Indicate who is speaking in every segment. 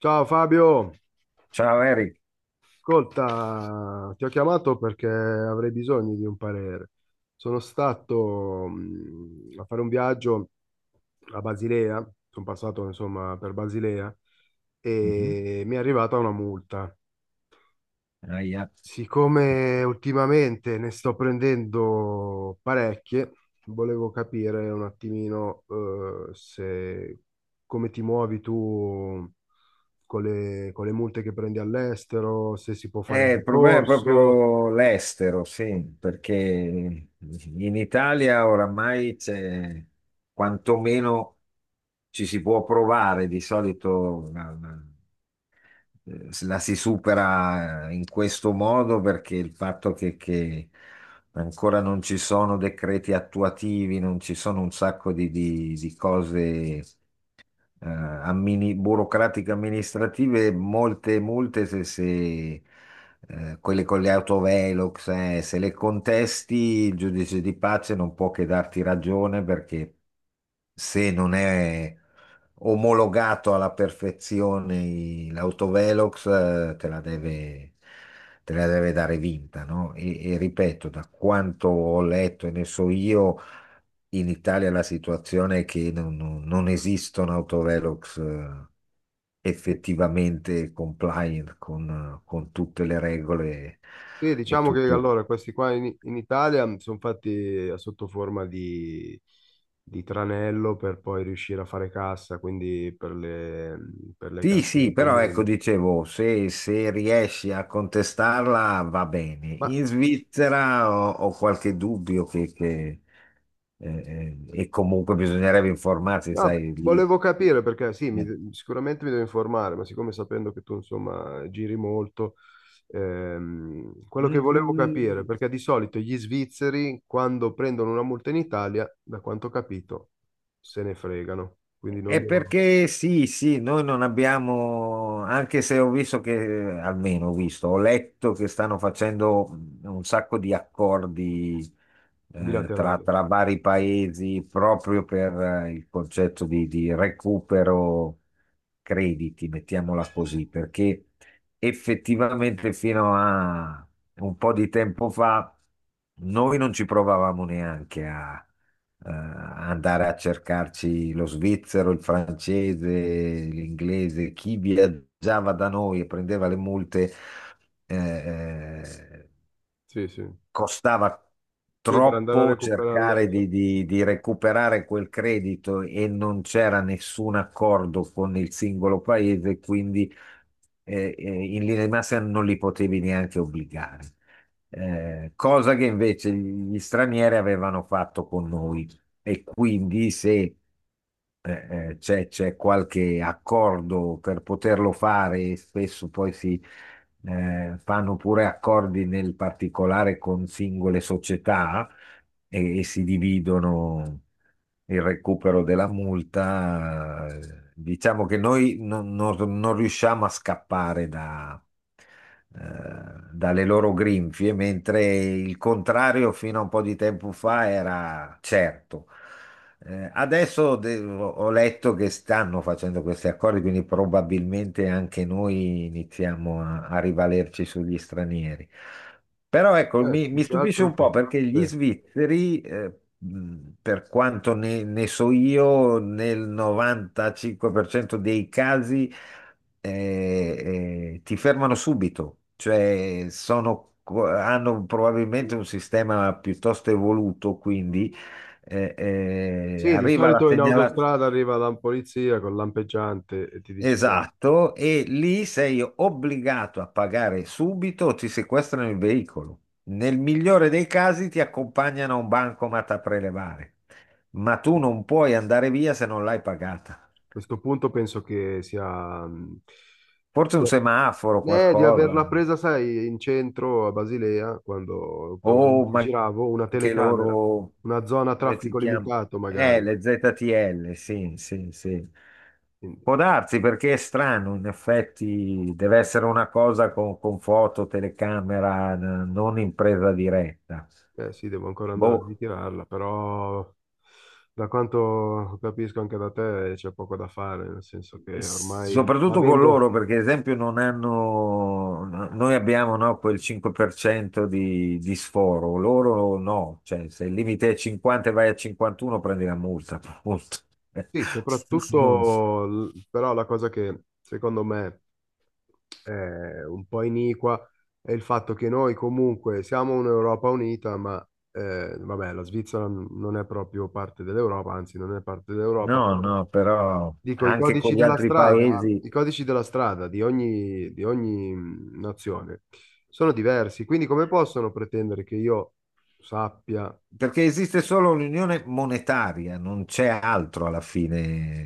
Speaker 1: Ciao Fabio,
Speaker 2: Ciao Eric.
Speaker 1: ascolta, ti ho chiamato perché avrei bisogno di un parere. Sono stato a fare un viaggio a Basilea, sono passato insomma per Basilea
Speaker 2: Mhm.
Speaker 1: e mi è arrivata una multa.
Speaker 2: Ahia.
Speaker 1: Siccome ultimamente ne sto prendendo parecchie, volevo capire un attimino se come ti muovi tu con con le multe che prendi all'estero, se si può fare
Speaker 2: Il problema è
Speaker 1: ricorso.
Speaker 2: proprio l'estero, sì, perché in Italia oramai c'è quantomeno ci si può provare. Di solito la si supera in questo modo perché il fatto che ancora non ci sono decreti attuativi, non ci sono un sacco di di cose. Burocratiche amministrative, molte multe se, se, quelle con le autovelox, se le contesti, il giudice di pace non può che darti ragione perché se non è omologato alla perfezione l'autovelox, te la deve dare vinta, no? E ripeto, da quanto ho letto e ne so io, in Italia la situazione è che non esistono autovelox
Speaker 1: Sì,
Speaker 2: effettivamente compliant con tutte le regole
Speaker 1: sì,
Speaker 2: e
Speaker 1: diciamo che
Speaker 2: tutte...
Speaker 1: allora questi qua in Italia sono fatti a sotto forma di tranello per poi riuscire a fare cassa, quindi per per le
Speaker 2: Sì,
Speaker 1: casse
Speaker 2: sì,
Speaker 1: dei
Speaker 2: però ecco,
Speaker 1: comuni.
Speaker 2: dicevo, se riesci a contestarla va bene.
Speaker 1: Ma
Speaker 2: In Svizzera ho qualche dubbio eh, e comunque bisognerebbe informarsi,
Speaker 1: no,
Speaker 2: sai, lì.
Speaker 1: volevo
Speaker 2: lì-
Speaker 1: capire perché sì,
Speaker 2: eh.
Speaker 1: sicuramente mi devo informare, ma siccome sapendo che tu insomma giri molto, quello che volevo capire,
Speaker 2: Mm.
Speaker 1: perché di solito gli svizzeri quando prendono una multa in Italia, da quanto ho capito, se ne fregano, quindi non
Speaker 2: È
Speaker 1: devono,
Speaker 2: perché sì, sì, noi non abbiamo, anche se ho visto che, almeno ho visto, ho letto che stanno facendo un sacco di accordi, tra,
Speaker 1: bilaterale.
Speaker 2: tra vari paesi proprio per il concetto di recupero crediti, mettiamola così, perché effettivamente fino a un po' di tempo fa noi non ci provavamo neanche a andare a cercarci lo svizzero, il francese, l'inglese, chi viaggiava da noi e prendeva le multe. eh, eh,
Speaker 1: Sì, sì.
Speaker 2: Costava
Speaker 1: Sì, per andare a
Speaker 2: troppo
Speaker 1: recuperarlo.
Speaker 2: cercare di recuperare quel credito e non c'era nessun accordo con il singolo paese, quindi in linea di massima non li potevi neanche obbligare. Cosa che invece gli stranieri avevano fatto con noi. E quindi se c'è qualche accordo per poterlo fare e spesso poi si fanno pure accordi nel particolare con singole società e si dividono il recupero della multa. Diciamo che noi non riusciamo a scappare eh, dalle loro grinfie, mentre il contrario fino a un po' di tempo fa era certo. Adesso ho letto che stanno facendo questi accordi, quindi probabilmente anche noi iniziamo a rivalerci sugli stranieri. Però ecco, mi,
Speaker 1: Più
Speaker 2: mi
Speaker 1: che
Speaker 2: stupisce
Speaker 1: altro
Speaker 2: un po'
Speaker 1: che...
Speaker 2: perché gli
Speaker 1: Sì.
Speaker 2: svizzeri, per quanto ne so io, nel 95% dei casi, eh, ti fermano subito, cioè hanno probabilmente un sistema piuttosto evoluto, quindi eh,
Speaker 1: Sì, di
Speaker 2: arriva la
Speaker 1: solito in
Speaker 2: segnalazione.
Speaker 1: autostrada arriva la polizia con lampeggiante e ti dice...
Speaker 2: Esatto, e lì sei obbligato a pagare subito o ti sequestrano il veicolo. Nel migliore dei casi ti accompagnano a un bancomat a prelevare, ma tu non puoi andare via se non l'hai pagata.
Speaker 1: Questo punto penso che sia
Speaker 2: Forse un semaforo,
Speaker 1: di
Speaker 2: qualcosa.
Speaker 1: averla presa, sai, in centro a Basilea, quando
Speaker 2: Oh,
Speaker 1: probabilmente
Speaker 2: ma
Speaker 1: giravo, una
Speaker 2: anche
Speaker 1: telecamera,
Speaker 2: loro,
Speaker 1: una zona a
Speaker 2: come si
Speaker 1: traffico
Speaker 2: chiama?
Speaker 1: limitato magari.
Speaker 2: Le ZTL, sì, sì, sì.
Speaker 1: Quindi,
Speaker 2: Può darsi perché è strano, in effetti deve essere una cosa con foto, telecamera, non in presa diretta.
Speaker 1: eh sì, devo ancora andare a
Speaker 2: Boh.
Speaker 1: ritirarla, però da quanto capisco anche da te c'è poco da fare, nel senso che ormai
Speaker 2: Soprattutto con
Speaker 1: avendo,
Speaker 2: loro, perché ad esempio non hanno, noi abbiamo no, quel 5% di sforo, loro no, cioè se il limite è 50 e vai a 51 prendi la multa, appunto.
Speaker 1: sì, soprattutto, però la cosa che secondo me un po' iniqua è il fatto che noi comunque siamo un'Europa unita, ma vabbè, la Svizzera non è proprio parte dell'Europa, anzi non è parte dell'Europa.
Speaker 2: No,
Speaker 1: Però
Speaker 2: no, però
Speaker 1: dico, i
Speaker 2: anche con
Speaker 1: codici
Speaker 2: gli
Speaker 1: della
Speaker 2: altri
Speaker 1: strada,
Speaker 2: paesi,
Speaker 1: i codici della strada di ogni nazione sono diversi, quindi come possono pretendere che io sappia.
Speaker 2: perché esiste solo l'unione monetaria, non c'è altro alla fine.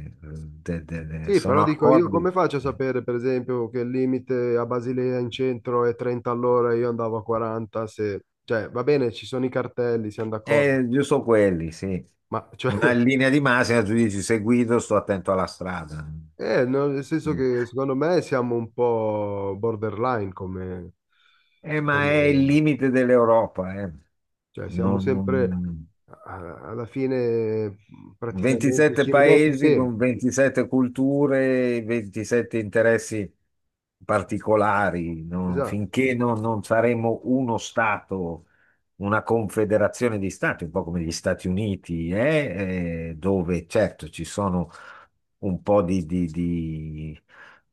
Speaker 2: eh,
Speaker 1: Sì, però
Speaker 2: Sono
Speaker 1: dico io
Speaker 2: accordi.
Speaker 1: come faccio a sapere, per esempio, che il limite a Basilea in centro è 30 all'ora e io andavo a 40, se... Cioè, va bene, ci sono i cartelli, siamo d'accordo,
Speaker 2: Giusto quelli, sì.
Speaker 1: ma cioè,
Speaker 2: Ma in linea di massima tu dici se guido sto attento alla strada.
Speaker 1: no, nel senso che secondo me siamo un po' borderline come...
Speaker 2: Ma è il
Speaker 1: come-
Speaker 2: limite dell'Europa, eh.
Speaker 1: cioè, siamo
Speaker 2: Non-
Speaker 1: sempre,
Speaker 2: non-
Speaker 1: alla fine, praticamente,
Speaker 2: 27
Speaker 1: ci rimetti
Speaker 2: paesi con
Speaker 1: sempre.
Speaker 2: 27 culture, 27 interessi particolari, no?
Speaker 1: Esatto.
Speaker 2: Finché
Speaker 1: Sì.
Speaker 2: non saremo uno Stato, una confederazione di Stati, un po' come gli Stati Uniti, dove certo ci sono un po' di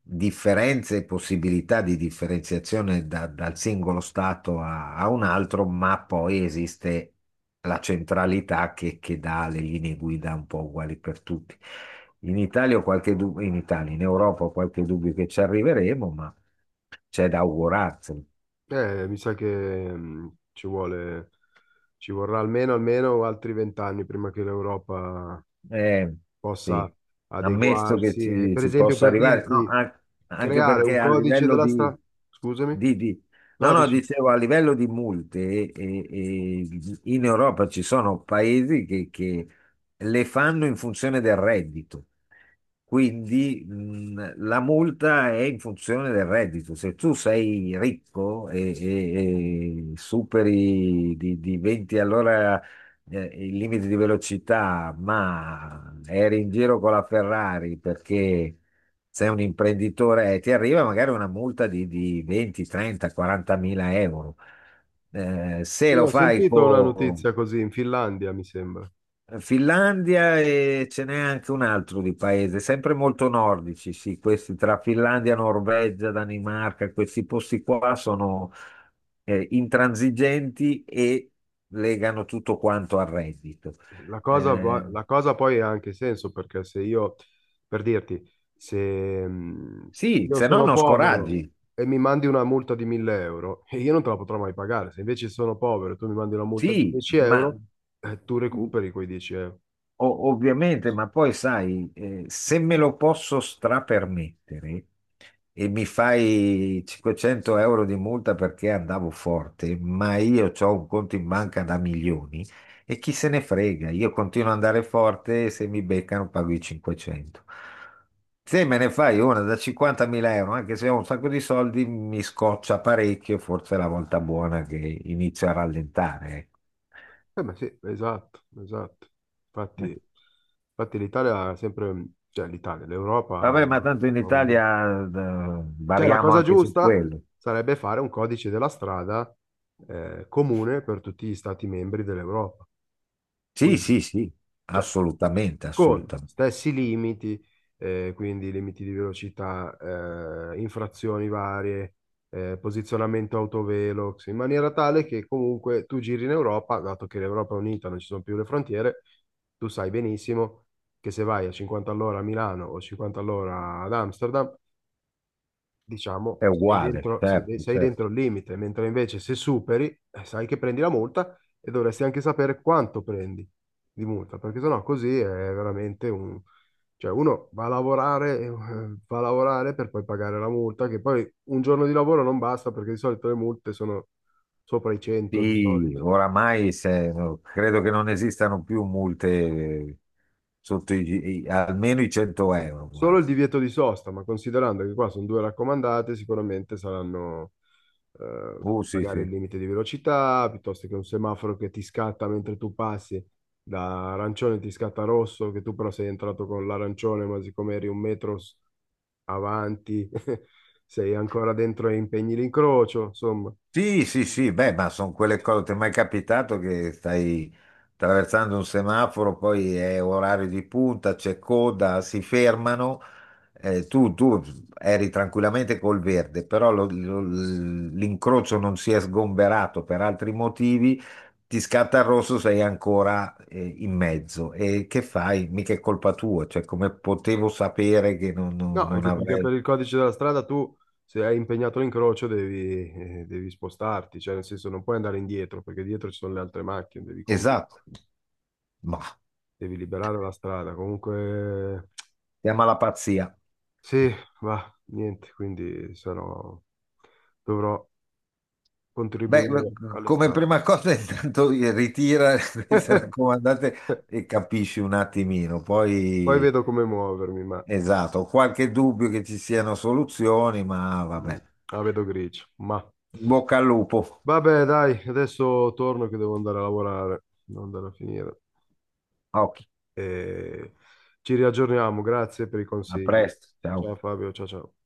Speaker 2: differenze e possibilità di differenziazione dal singolo Stato a un altro, ma poi esiste la centralità che dà le linee guida un po' uguali per tutti. In Italia, in Europa ho qualche dubbio che ci arriveremo, ma c'è da augurarsi.
Speaker 1: Mi sa che ci vuole, ci vorrà almeno, almeno altri vent'anni prima che l'Europa
Speaker 2: Eh,
Speaker 1: possa
Speaker 2: sì. Ammesso che
Speaker 1: adeguarsi. E,
Speaker 2: ci
Speaker 1: per
Speaker 2: si
Speaker 1: esempio,
Speaker 2: possa
Speaker 1: per
Speaker 2: arrivare, no,
Speaker 1: dirti,
Speaker 2: anche
Speaker 1: creare un
Speaker 2: perché a
Speaker 1: codice
Speaker 2: livello
Speaker 1: della strada. Scusami?
Speaker 2: di- di- no,
Speaker 1: No,
Speaker 2: no,
Speaker 1: dici,
Speaker 2: dicevo, a livello di multe, eh, eh, in Europa ci sono paesi che le fanno in funzione del reddito. Quindi la multa è in funzione del reddito. Se tu sei ricco e superi di 20 all'ora, il limite di velocità, ma eri in giro con la Ferrari perché sei un imprenditore e ti arriva magari una multa di 20, 30, 40 mila euro. Se lo
Speaker 1: io ho
Speaker 2: fai
Speaker 1: sentito una
Speaker 2: con
Speaker 1: notizia così in Finlandia, mi sembra.
Speaker 2: Finlandia e ce n'è anche un altro di paese, sempre molto nordici, sì, questi tra Finlandia, Norvegia, Danimarca, questi posti qua sono intransigenti e legano tutto quanto al reddito.
Speaker 1: La cosa,
Speaker 2: Eh,
Speaker 1: la cosa poi ha anche senso perché se io, per dirti, se, se
Speaker 2: sì,
Speaker 1: io
Speaker 2: se no
Speaker 1: sono
Speaker 2: non
Speaker 1: povero
Speaker 2: scoraggi.
Speaker 1: e mi mandi una multa di 1000 euro, e io non te la potrò mai pagare. Se invece sono povero e tu mi mandi una multa di
Speaker 2: Sì,
Speaker 1: 10
Speaker 2: ma
Speaker 1: euro, tu recuperi quei 10 euro.
Speaker 2: Ovviamente, ma poi sai, se me lo posso strapermettere e mi fai 500 euro di multa perché andavo forte, ma io ho un conto in banca da milioni e chi se ne frega, io continuo ad andare forte e se mi beccano pago i 500. Se me ne fai una da 50.000 euro, anche se ho un sacco di soldi, mi scoccia parecchio, forse è la volta buona che inizio a rallentare, ecco.
Speaker 1: Ma sì, esatto, esatto. Infatti, infatti l'Italia ha sempre, cioè l'Italia, l'Europa
Speaker 2: Vabbè, ma tanto in
Speaker 1: ha un limite.
Speaker 2: Italia,
Speaker 1: Cioè, la
Speaker 2: variamo
Speaker 1: cosa
Speaker 2: anche su
Speaker 1: giusta
Speaker 2: quello.
Speaker 1: sarebbe fare un codice della strada comune per tutti gli stati membri dell'Europa.
Speaker 2: Sì,
Speaker 1: Quindi,
Speaker 2: sì, sì,
Speaker 1: cioè,
Speaker 2: assolutamente,
Speaker 1: con
Speaker 2: assolutamente.
Speaker 1: stessi limiti, quindi limiti di velocità, infrazioni varie, posizionamento autovelox, in maniera tale che comunque tu giri in Europa, dato che l'Europa è unita, non ci sono più le frontiere, tu sai benissimo che se vai a 50 all'ora a Milano o 50 all'ora ad Amsterdam,
Speaker 2: È
Speaker 1: diciamo, sei
Speaker 2: uguale,
Speaker 1: dentro,
Speaker 2: certo,
Speaker 1: sei dentro
Speaker 2: certo.
Speaker 1: il limite, mentre invece se superi, sai che prendi la multa e dovresti anche sapere quanto prendi di multa, perché sennò così è veramente un... Cioè uno va a lavorare per poi pagare la multa, che poi un giorno di lavoro non basta perché di solito le multe sono sopra i 100 di
Speaker 2: Sì,
Speaker 1: solito.
Speaker 2: oramai credo che non esistano più multe sotto almeno i 100 euro,
Speaker 1: Solo
Speaker 2: guarda.
Speaker 1: il divieto di sosta, ma considerando che qua sono due raccomandate, sicuramente saranno
Speaker 2: Sì,
Speaker 1: magari il
Speaker 2: sì.
Speaker 1: limite di velocità, piuttosto che un semaforo che ti scatta mentre tu passi da arancione ti scatta rosso, che tu però sei entrato con l'arancione, ma siccome eri un metro avanti, sei ancora dentro e impegni l'incrocio, insomma.
Speaker 2: Sì, sì, sì, beh, ma sono quelle cose, ti è mai capitato che stai attraversando un semaforo, poi è orario di punta, c'è coda, si fermano, tu eri tranquillamente col verde, però l'incrocio non si è sgomberato per altri motivi, ti scatta il rosso, sei ancora, in mezzo. E che fai? Mica è colpa tua, cioè come potevo sapere che
Speaker 1: No,
Speaker 2: non
Speaker 1: anche perché
Speaker 2: avrei...
Speaker 1: per il codice della strada tu, se hai impegnato l'incrocio, devi, devi spostarti, cioè nel senso non puoi andare indietro, perché dietro ci sono le altre macchine, devi comunque
Speaker 2: Esatto, ma
Speaker 1: devi liberare la strada. Comunque,
Speaker 2: chiama la pazzia.
Speaker 1: sì, va, niente, quindi sarò, dovrò
Speaker 2: Beh, ma
Speaker 1: contribuire allo
Speaker 2: come
Speaker 1: Stato.
Speaker 2: prima cosa intanto ritira queste raccomandate
Speaker 1: Eh,
Speaker 2: e capisci un attimino,
Speaker 1: Poi
Speaker 2: poi
Speaker 1: vedo come muovermi, ma
Speaker 2: esatto, ho qualche dubbio che ci siano soluzioni, ma
Speaker 1: mm,
Speaker 2: vabbè.
Speaker 1: la vedo grigio. Ma
Speaker 2: In bocca al lupo,
Speaker 1: vabbè, dai, adesso torno che devo andare a lavorare, devo andare a finire.
Speaker 2: occhi,
Speaker 1: E ci riaggiorniamo, grazie per i
Speaker 2: a
Speaker 1: consigli.
Speaker 2: presto,
Speaker 1: Ciao
Speaker 2: ciao.
Speaker 1: Fabio, ciao ciao.